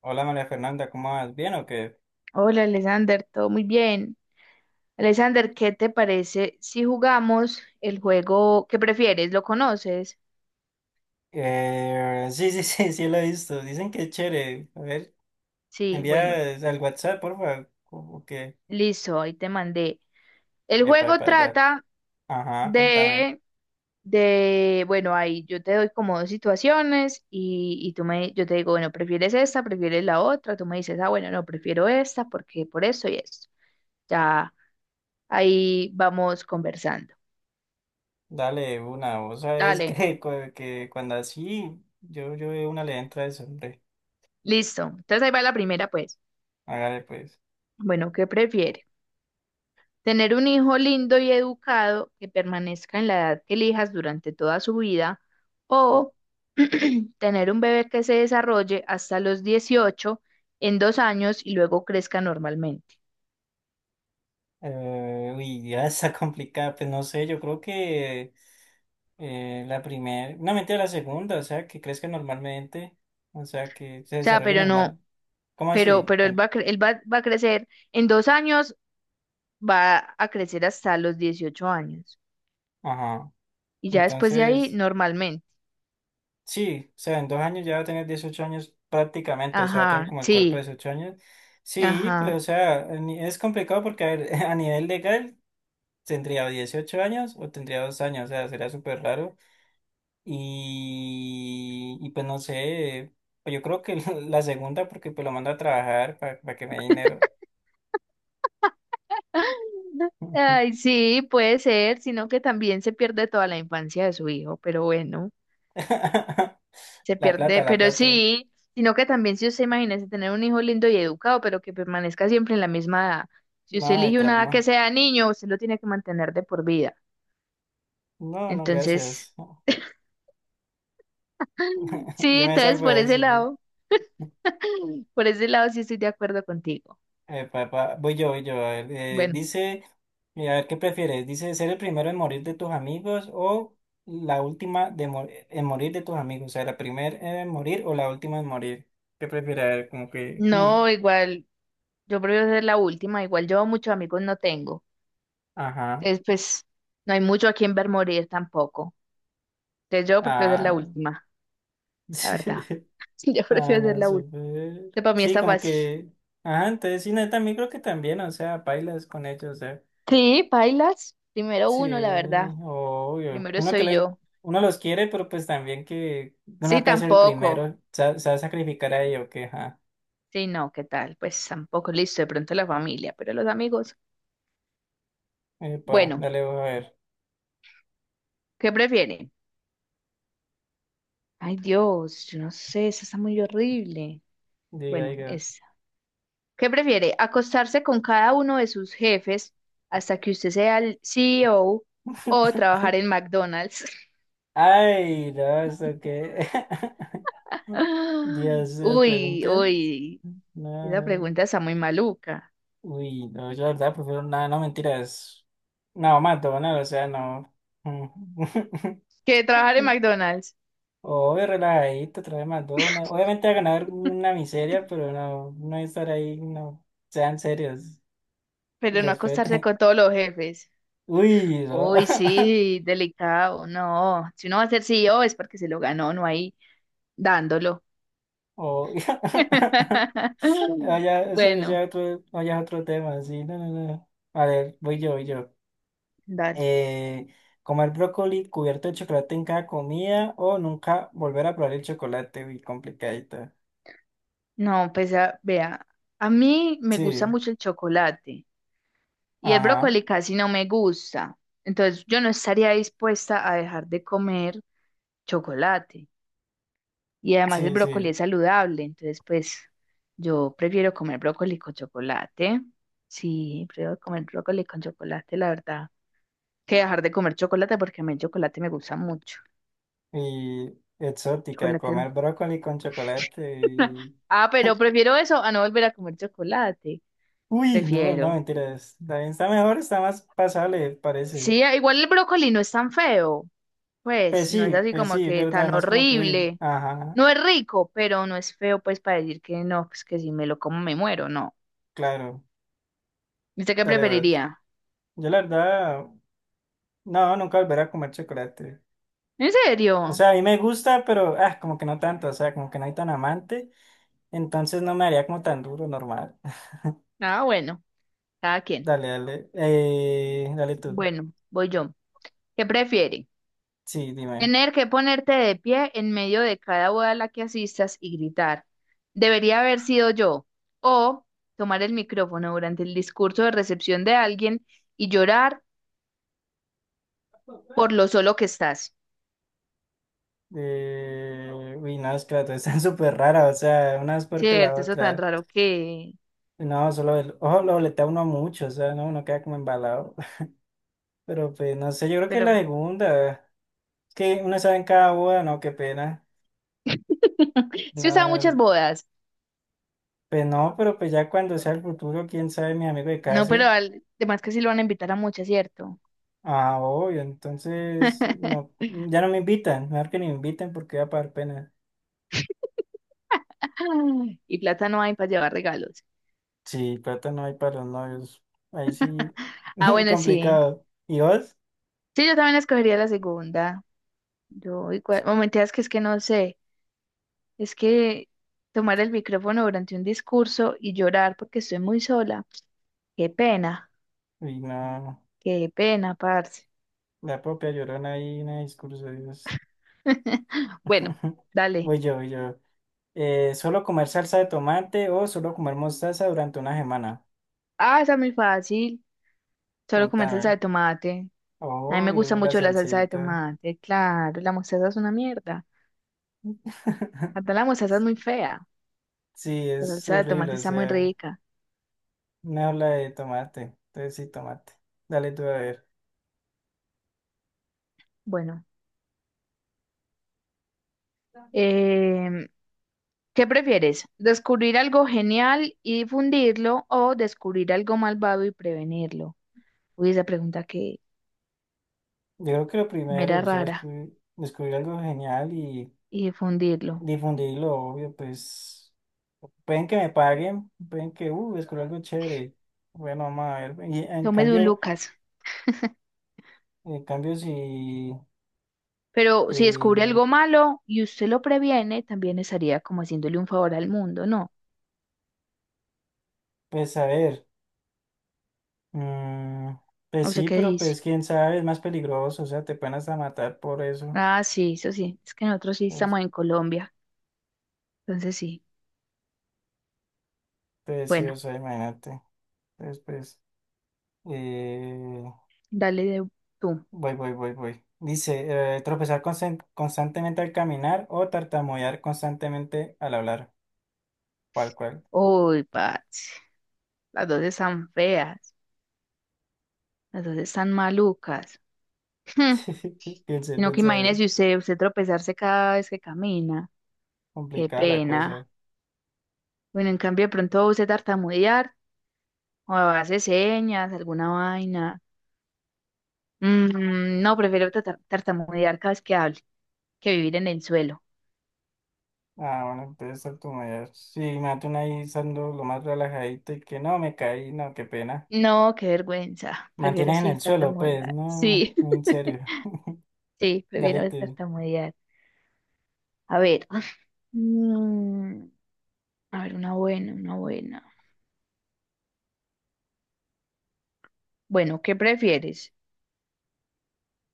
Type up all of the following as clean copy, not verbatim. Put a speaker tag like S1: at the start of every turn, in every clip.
S1: Hola María Fernanda, ¿cómo vas? ¿Bien o qué?
S2: Hola, Alexander, todo muy bien. Alexander, ¿qué te parece si jugamos el juego que prefieres? ¿Lo conoces?
S1: Sí, sí, sí, sí lo he visto. Dicen que es chévere. A ver,
S2: Sí, bueno,
S1: envía al WhatsApp, por favor. ¿Cómo que?
S2: listo, ahí te mandé. El
S1: Epa,
S2: juego
S1: epa, ya.
S2: trata
S1: Ajá, contame.
S2: de, bueno, ahí yo te doy como dos situaciones y yo te digo, bueno, ¿prefieres esta? ¿Prefieres la otra? Tú me dices, ah, bueno, no, prefiero esta porque por eso y esto. Ya ahí vamos conversando.
S1: Dale una. Vos sabés
S2: Dale,
S1: que, que cuando así, yo de una le entra eso, hombre.
S2: listo. Entonces ahí va la primera, pues.
S1: Hágale pues.
S2: Bueno, ¿qué prefieres? Tener un hijo lindo y educado que permanezca en la edad que elijas durante toda su vida o tener un bebé que se desarrolle hasta los 18 en 2 años y luego crezca normalmente.
S1: Uy, ya está complicada. Pues no sé, yo creo que la primera, no mentira, la segunda, o sea, que crezca normalmente, o sea, que se
S2: O sea,
S1: desarrolle
S2: pero no,
S1: normal. ¿Cómo
S2: pero,
S1: así?
S2: pero él va a crecer en 2 años, va a crecer hasta los 18 años
S1: Ajá.
S2: y ya después de ahí
S1: Entonces,
S2: normalmente.
S1: sí, o sea, en 2 años ya va a tener 18 años prácticamente, o sea, va a tener
S2: Ajá,
S1: como el cuerpo de
S2: sí,
S1: 18 años. Sí, pero o
S2: ajá.
S1: sea, es complicado porque a ver, a nivel legal tendría o 18 años o tendría 2 años, o sea, sería súper raro. Y pues no sé, pues yo creo que la segunda porque pues lo mando a trabajar para que me dé dinero.
S2: Ay, sí, puede ser, sino que también se pierde toda la infancia de su hijo, pero bueno, se
S1: La
S2: pierde,
S1: plata, la
S2: pero
S1: plata.
S2: sí, sino que también si usted imagínese tener un hijo lindo y educado, pero que permanezca siempre en la misma edad. Si usted
S1: Nada de
S2: elige una edad que
S1: trauma.
S2: sea niño, usted lo tiene que mantener de por vida.
S1: No, no,
S2: Entonces,
S1: gracias. Yo
S2: sí,
S1: me
S2: entonces
S1: salgo
S2: por
S1: de
S2: ese
S1: eso.
S2: lado, por ese lado sí estoy de acuerdo contigo.
S1: Epa, epa, voy yo, voy yo. A ver,
S2: Bueno,
S1: dice, a ver, ¿qué prefieres? Dice, ¿ser el primero en morir de tus amigos o la última en morir de tus amigos? O sea, la primera en morir o la última en morir. ¿Qué prefieres? A ver, como que, hmm,
S2: no, igual, yo prefiero ser la última, igual yo muchos amigos no tengo.
S1: ajá,
S2: Entonces, pues, no hay mucho a quien ver morir tampoco. Ya yo prefiero ser la
S1: ah,
S2: última, la verdad. Yo
S1: ah,
S2: prefiero ser
S1: no,
S2: la última.
S1: súper.
S2: Este para mí
S1: Sí,
S2: está
S1: como
S2: fácil.
S1: que, ajá, entonces sí, no también creo que también, o sea, bailas con ellos,
S2: Sí, bailas. Primero
S1: sí,
S2: uno, la verdad.
S1: obvio.
S2: Primero
S1: Uno que
S2: soy yo.
S1: uno los quiere, pero pues también que uno
S2: Sí,
S1: acá es el
S2: tampoco.
S1: primero. Se va a sacrificar a ello, que ajá.
S2: Sí, no, ¿qué tal? Pues tampoco, listo, de pronto la familia, pero los amigos.
S1: Epa,
S2: Bueno,
S1: dale, voy a ver.
S2: ¿qué prefieren? Ay, Dios, yo no sé, esa está muy horrible.
S1: Diga,
S2: Bueno,
S1: diga.
S2: esa. ¿Qué prefiere? ¿Acostarse con cada uno de sus jefes hasta que usted sea el CEO o trabajar en McDonald's?
S1: Ay, no, ¿esto qué? Dios, las
S2: Uy,
S1: preguntas.
S2: uy. Esa
S1: No.
S2: pregunta está muy maluca.
S1: Uy, no, yo la verdad prefiero nada, no mentiras. No, McDonald's, o sea, no.
S2: Que trabajar en McDonald's,
S1: Obvio, relajadito, trae McDonald's. Obviamente va a ganar una miseria, pero no, no estar ahí, no. Sean serios,
S2: pero no acostarse
S1: respeten.
S2: con todos los jefes.
S1: Uy, no.
S2: Uy, sí, delicado. No, si uno va a ser CEO es porque se lo ganó, no ahí dándolo.
S1: Oh. Vaya, eso
S2: Bueno,
S1: ya otro, vaya otro tema, sí, no, no, no. A ver, voy yo, voy yo.
S2: dale.
S1: Eh, comer brócoli cubierto de chocolate en cada comida o nunca volver a probar el chocolate, uy, complicadita.
S2: No, pues vea, a mí me gusta
S1: Sí,
S2: mucho el chocolate y el
S1: ajá,
S2: brócoli casi no me gusta. Entonces yo no estaría dispuesta a dejar de comer chocolate. Y además el
S1: sí,
S2: brócoli
S1: sí.
S2: es saludable, entonces pues yo prefiero comer brócoli con chocolate. Sí, prefiero comer brócoli con chocolate, la verdad, que dejar de comer chocolate porque a mí el chocolate me gusta mucho.
S1: Y exótica,
S2: Chocolate. es-
S1: comer brócoli con chocolate y...
S2: Ah, pero prefiero eso a no volver a comer chocolate.
S1: Uy, no, no,
S2: Prefiero.
S1: mentiras. También está mejor, está más pasable, parece.
S2: Sí, ah, igual el brócoli no es tan feo, pues no es así
S1: Pues
S2: como
S1: sí, es
S2: que
S1: verdad,
S2: tan
S1: no es como que, uy,
S2: horrible.
S1: ajá,
S2: No es rico, pero no es feo pues para decir que no, pues que si me lo como me muero, no.
S1: claro,
S2: ¿Usted qué
S1: dale vas.
S2: preferiría?
S1: Yo la verdad, no, nunca volveré a comer chocolate.
S2: ¿En
S1: O
S2: serio?
S1: sea, a mí me gusta, pero, ah, como que no tanto, o sea, como que no hay tan amante, entonces no me haría como tan duro, normal.
S2: Ah, bueno. Cada quien.
S1: Dale, dale, dale tú.
S2: Bueno, voy yo. ¿Qué prefiere?
S1: Sí, dime.
S2: ¿Tener que ponerte de pie en medio de cada boda a la que asistas y gritar, debería haber sido yo? ¿O tomar el micrófono durante el discurso de recepción de alguien y llorar por lo solo que estás?
S1: Uy, no, es que las dos están súper raras, o sea, una es peor que la
S2: Cierto, eso tan
S1: otra.
S2: raro que...
S1: No, solo el ojo lo boletea uno mucho, o sea, no, uno queda como embalado. Pero pues, no sé, yo creo que
S2: Pero
S1: la segunda. Es que uno sabe en cada boda, no, qué pena.
S2: sí usaba muchas
S1: No,
S2: bodas.
S1: pues no, pero pues ya cuando sea el futuro, quién sabe, mi amigo de
S2: No, pero
S1: case.
S2: además que sí lo van a invitar a muchas, ¿cierto?
S1: Ah, obvio, entonces, no, ya no me invitan, mejor que ni me inviten porque va a pagar pena.
S2: Y plata no hay para llevar regalos.
S1: Sí, plata no hay para los novios. Ahí sí,
S2: Ah, bueno, sí.
S1: complicado. ¿Y vos?
S2: Sí, yo también escogería la segunda. Yo igual, o mentiras que es que no sé, es que tomar el micrófono durante un discurso y llorar porque estoy muy sola, qué pena,
S1: Uy, no.
S2: qué pena, parce.
S1: La propia llorona ahí, en el discurso de Dios.
S2: Bueno, dale.
S1: Voy yo, voy yo. ¿Solo comer salsa de tomate o solo comer mostaza durante una semana?
S2: Ah, está muy fácil, solo comer salsa
S1: Contame.
S2: de tomate. A mí
S1: Oh,
S2: me gusta
S1: la
S2: mucho la salsa de
S1: salsita.
S2: tomate, claro, la mostaza es una mierda. Hasta la mostaza es muy fea,
S1: Sí,
S2: la
S1: es
S2: salsa de
S1: horrible,
S2: tomate
S1: o
S2: está muy
S1: sea,
S2: rica.
S1: me habla de tomate. Entonces sí, tomate. Dale tú a ver.
S2: Bueno. Em, ¿Qué prefieres? ¿Descubrir algo genial y difundirlo o descubrir algo malvado y prevenirlo? Uy, esa pregunta que
S1: Yo creo que lo
S2: me
S1: primero,
S2: era
S1: o sea,
S2: rara
S1: descubrir algo genial y
S2: y difundirlo.
S1: difundirlo, obvio, pues pueden que me paguen, pueden que, descubrí algo chévere. Bueno, vamos a ver. Y en
S2: Tome de un
S1: cambio...
S2: Lucas.
S1: Cambios y,
S2: Pero si descubre
S1: eh,
S2: algo malo y usted lo previene, también estaría como haciéndole un favor al mundo, ¿no?
S1: pues a ver, mm, pues
S2: O sea,
S1: sí,
S2: ¿qué
S1: pero
S2: dice?
S1: pues quién sabe, es más peligroso, o sea, te pueden hasta matar por eso.
S2: Ah, sí, eso sí. Es que nosotros sí
S1: Pues,
S2: estamos en Colombia. Entonces sí.
S1: pues sí, o
S2: Bueno,
S1: sea, imagínate. Entonces, pues, eh,
S2: dale de tú.
S1: voy, voy, voy, voy. Dice, tropezar constantemente al caminar o tartamudear constantemente al hablar. ¿Cuál, cuál?
S2: Uy, Pats. Las dos están feas. Las dos están malucas. Hmm.
S1: Piense,
S2: Sino que
S1: piense, a ver,
S2: imagínese usted, usted tropezarse cada vez que camina. Qué
S1: complicada la cosa.
S2: pena. Bueno, en cambio, de pronto usted tartamudear o hace señas, alguna vaina. No, prefiero tartamudear cada vez que hable que vivir en el suelo.
S1: Ah, bueno, entonces ser tu mayor sí, mate ahí saldo lo más relajadito y que no, me caí, no, qué pena.
S2: No, qué vergüenza. Prefiero
S1: Mantienes en
S2: sí
S1: el suelo, pues,
S2: tartamudear.
S1: no,
S2: Sí,
S1: en serio.
S2: sí,
S1: Dale
S2: prefiero
S1: tú.
S2: tartamudear. A ver. Mm, a ver, una buena, una buena. Bueno, ¿qué prefieres?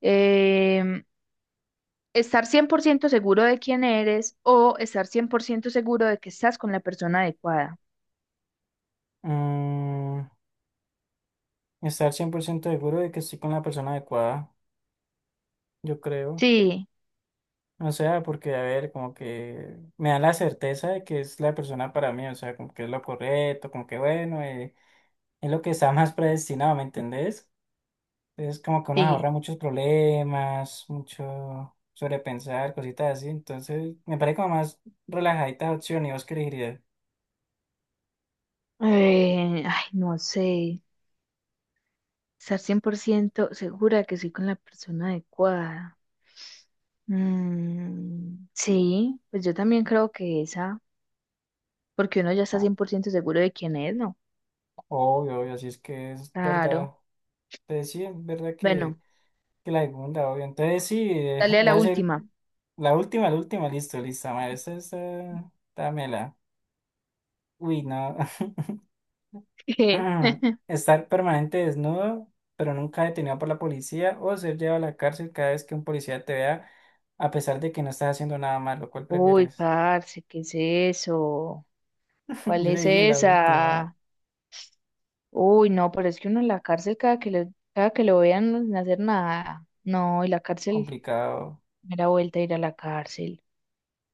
S2: Em, estar 100% seguro de quién eres o estar 100% seguro de que estás con la persona adecuada.
S1: Mm, estar 100% seguro de que estoy con la persona adecuada, yo creo.
S2: Sí,
S1: O sea, porque, a ver, como que me da la certeza de que es la persona para mí, o sea, como que es lo correcto, como que, bueno, es lo que está más predestinado, ¿me entendés? Es como que uno se
S2: sí.
S1: ahorra muchos problemas, mucho sobrepensar, cositas así. Entonces, me parece como más relajadita opción y vos qué elegirías.
S2: Ay, no sé. Estar 100% segura de que soy con la persona adecuada. Sí, pues yo también creo que esa, porque uno ya está
S1: Ah,
S2: 100% seguro de quién es, ¿no?
S1: obvio, obvio, así es que es
S2: Claro.
S1: verdad. Entonces, sí, es verdad que,
S2: Bueno,
S1: que la segunda, obvio. Entonces, sí,
S2: dale a
S1: va
S2: la
S1: a ser
S2: última.
S1: la última, listo, lista, madre. Esta, dámela. Uy, no. Ujú. Estar permanente desnudo, pero nunca detenido por la policía, o ser llevado a la cárcel cada vez que un policía te vea, a pesar de que no estás haciendo nada malo. ¿Cuál
S2: Uy,
S1: prefieres?
S2: parce, ¿qué es eso? ¿Cuál
S1: Yo
S2: es
S1: leí la última,
S2: esa? Uy, no, pero es que uno en la cárcel cada que lo vean no sin hacer nada. No, y la cárcel,
S1: complicado.
S2: primera vuelta a ir a la cárcel.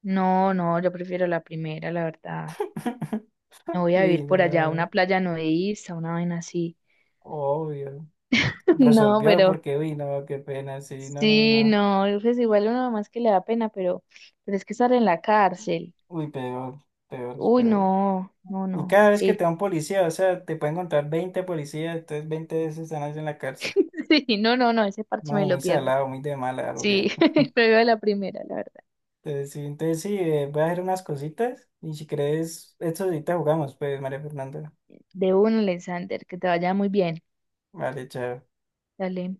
S2: No, no, yo prefiero la primera, la verdad. Me voy a
S1: Uy,
S2: vivir por allá, una
S1: no,
S2: playa nudista, una vaina así.
S1: obvio.
S2: No,
S1: Resolvió porque, uy, no, qué pena, sí, no, no, no,
S2: sí,
S1: no.
S2: no, pues igual uno más que le da pena, pero es que estar en la cárcel.
S1: Uy, peor, peor, es
S2: Uy,
S1: peor.
S2: no, no,
S1: Y
S2: no.
S1: cada vez que
S2: Sí.
S1: te da un policía, o sea, te pueden encontrar 20 policías, entonces 20 veces están en la cárcel.
S2: Sí, no, no, no, ese parche
S1: No,
S2: me
S1: muy
S2: lo pierdo.
S1: salado, muy de mala, algo
S2: Sí,
S1: bien.
S2: prefiero la primera, la verdad.
S1: Entonces sí, voy a hacer unas cositas y si crees, esto ahorita jugamos, pues, María Fernanda.
S2: De uno, Alexander, que te vaya muy bien.
S1: Vale, chao.
S2: Dale.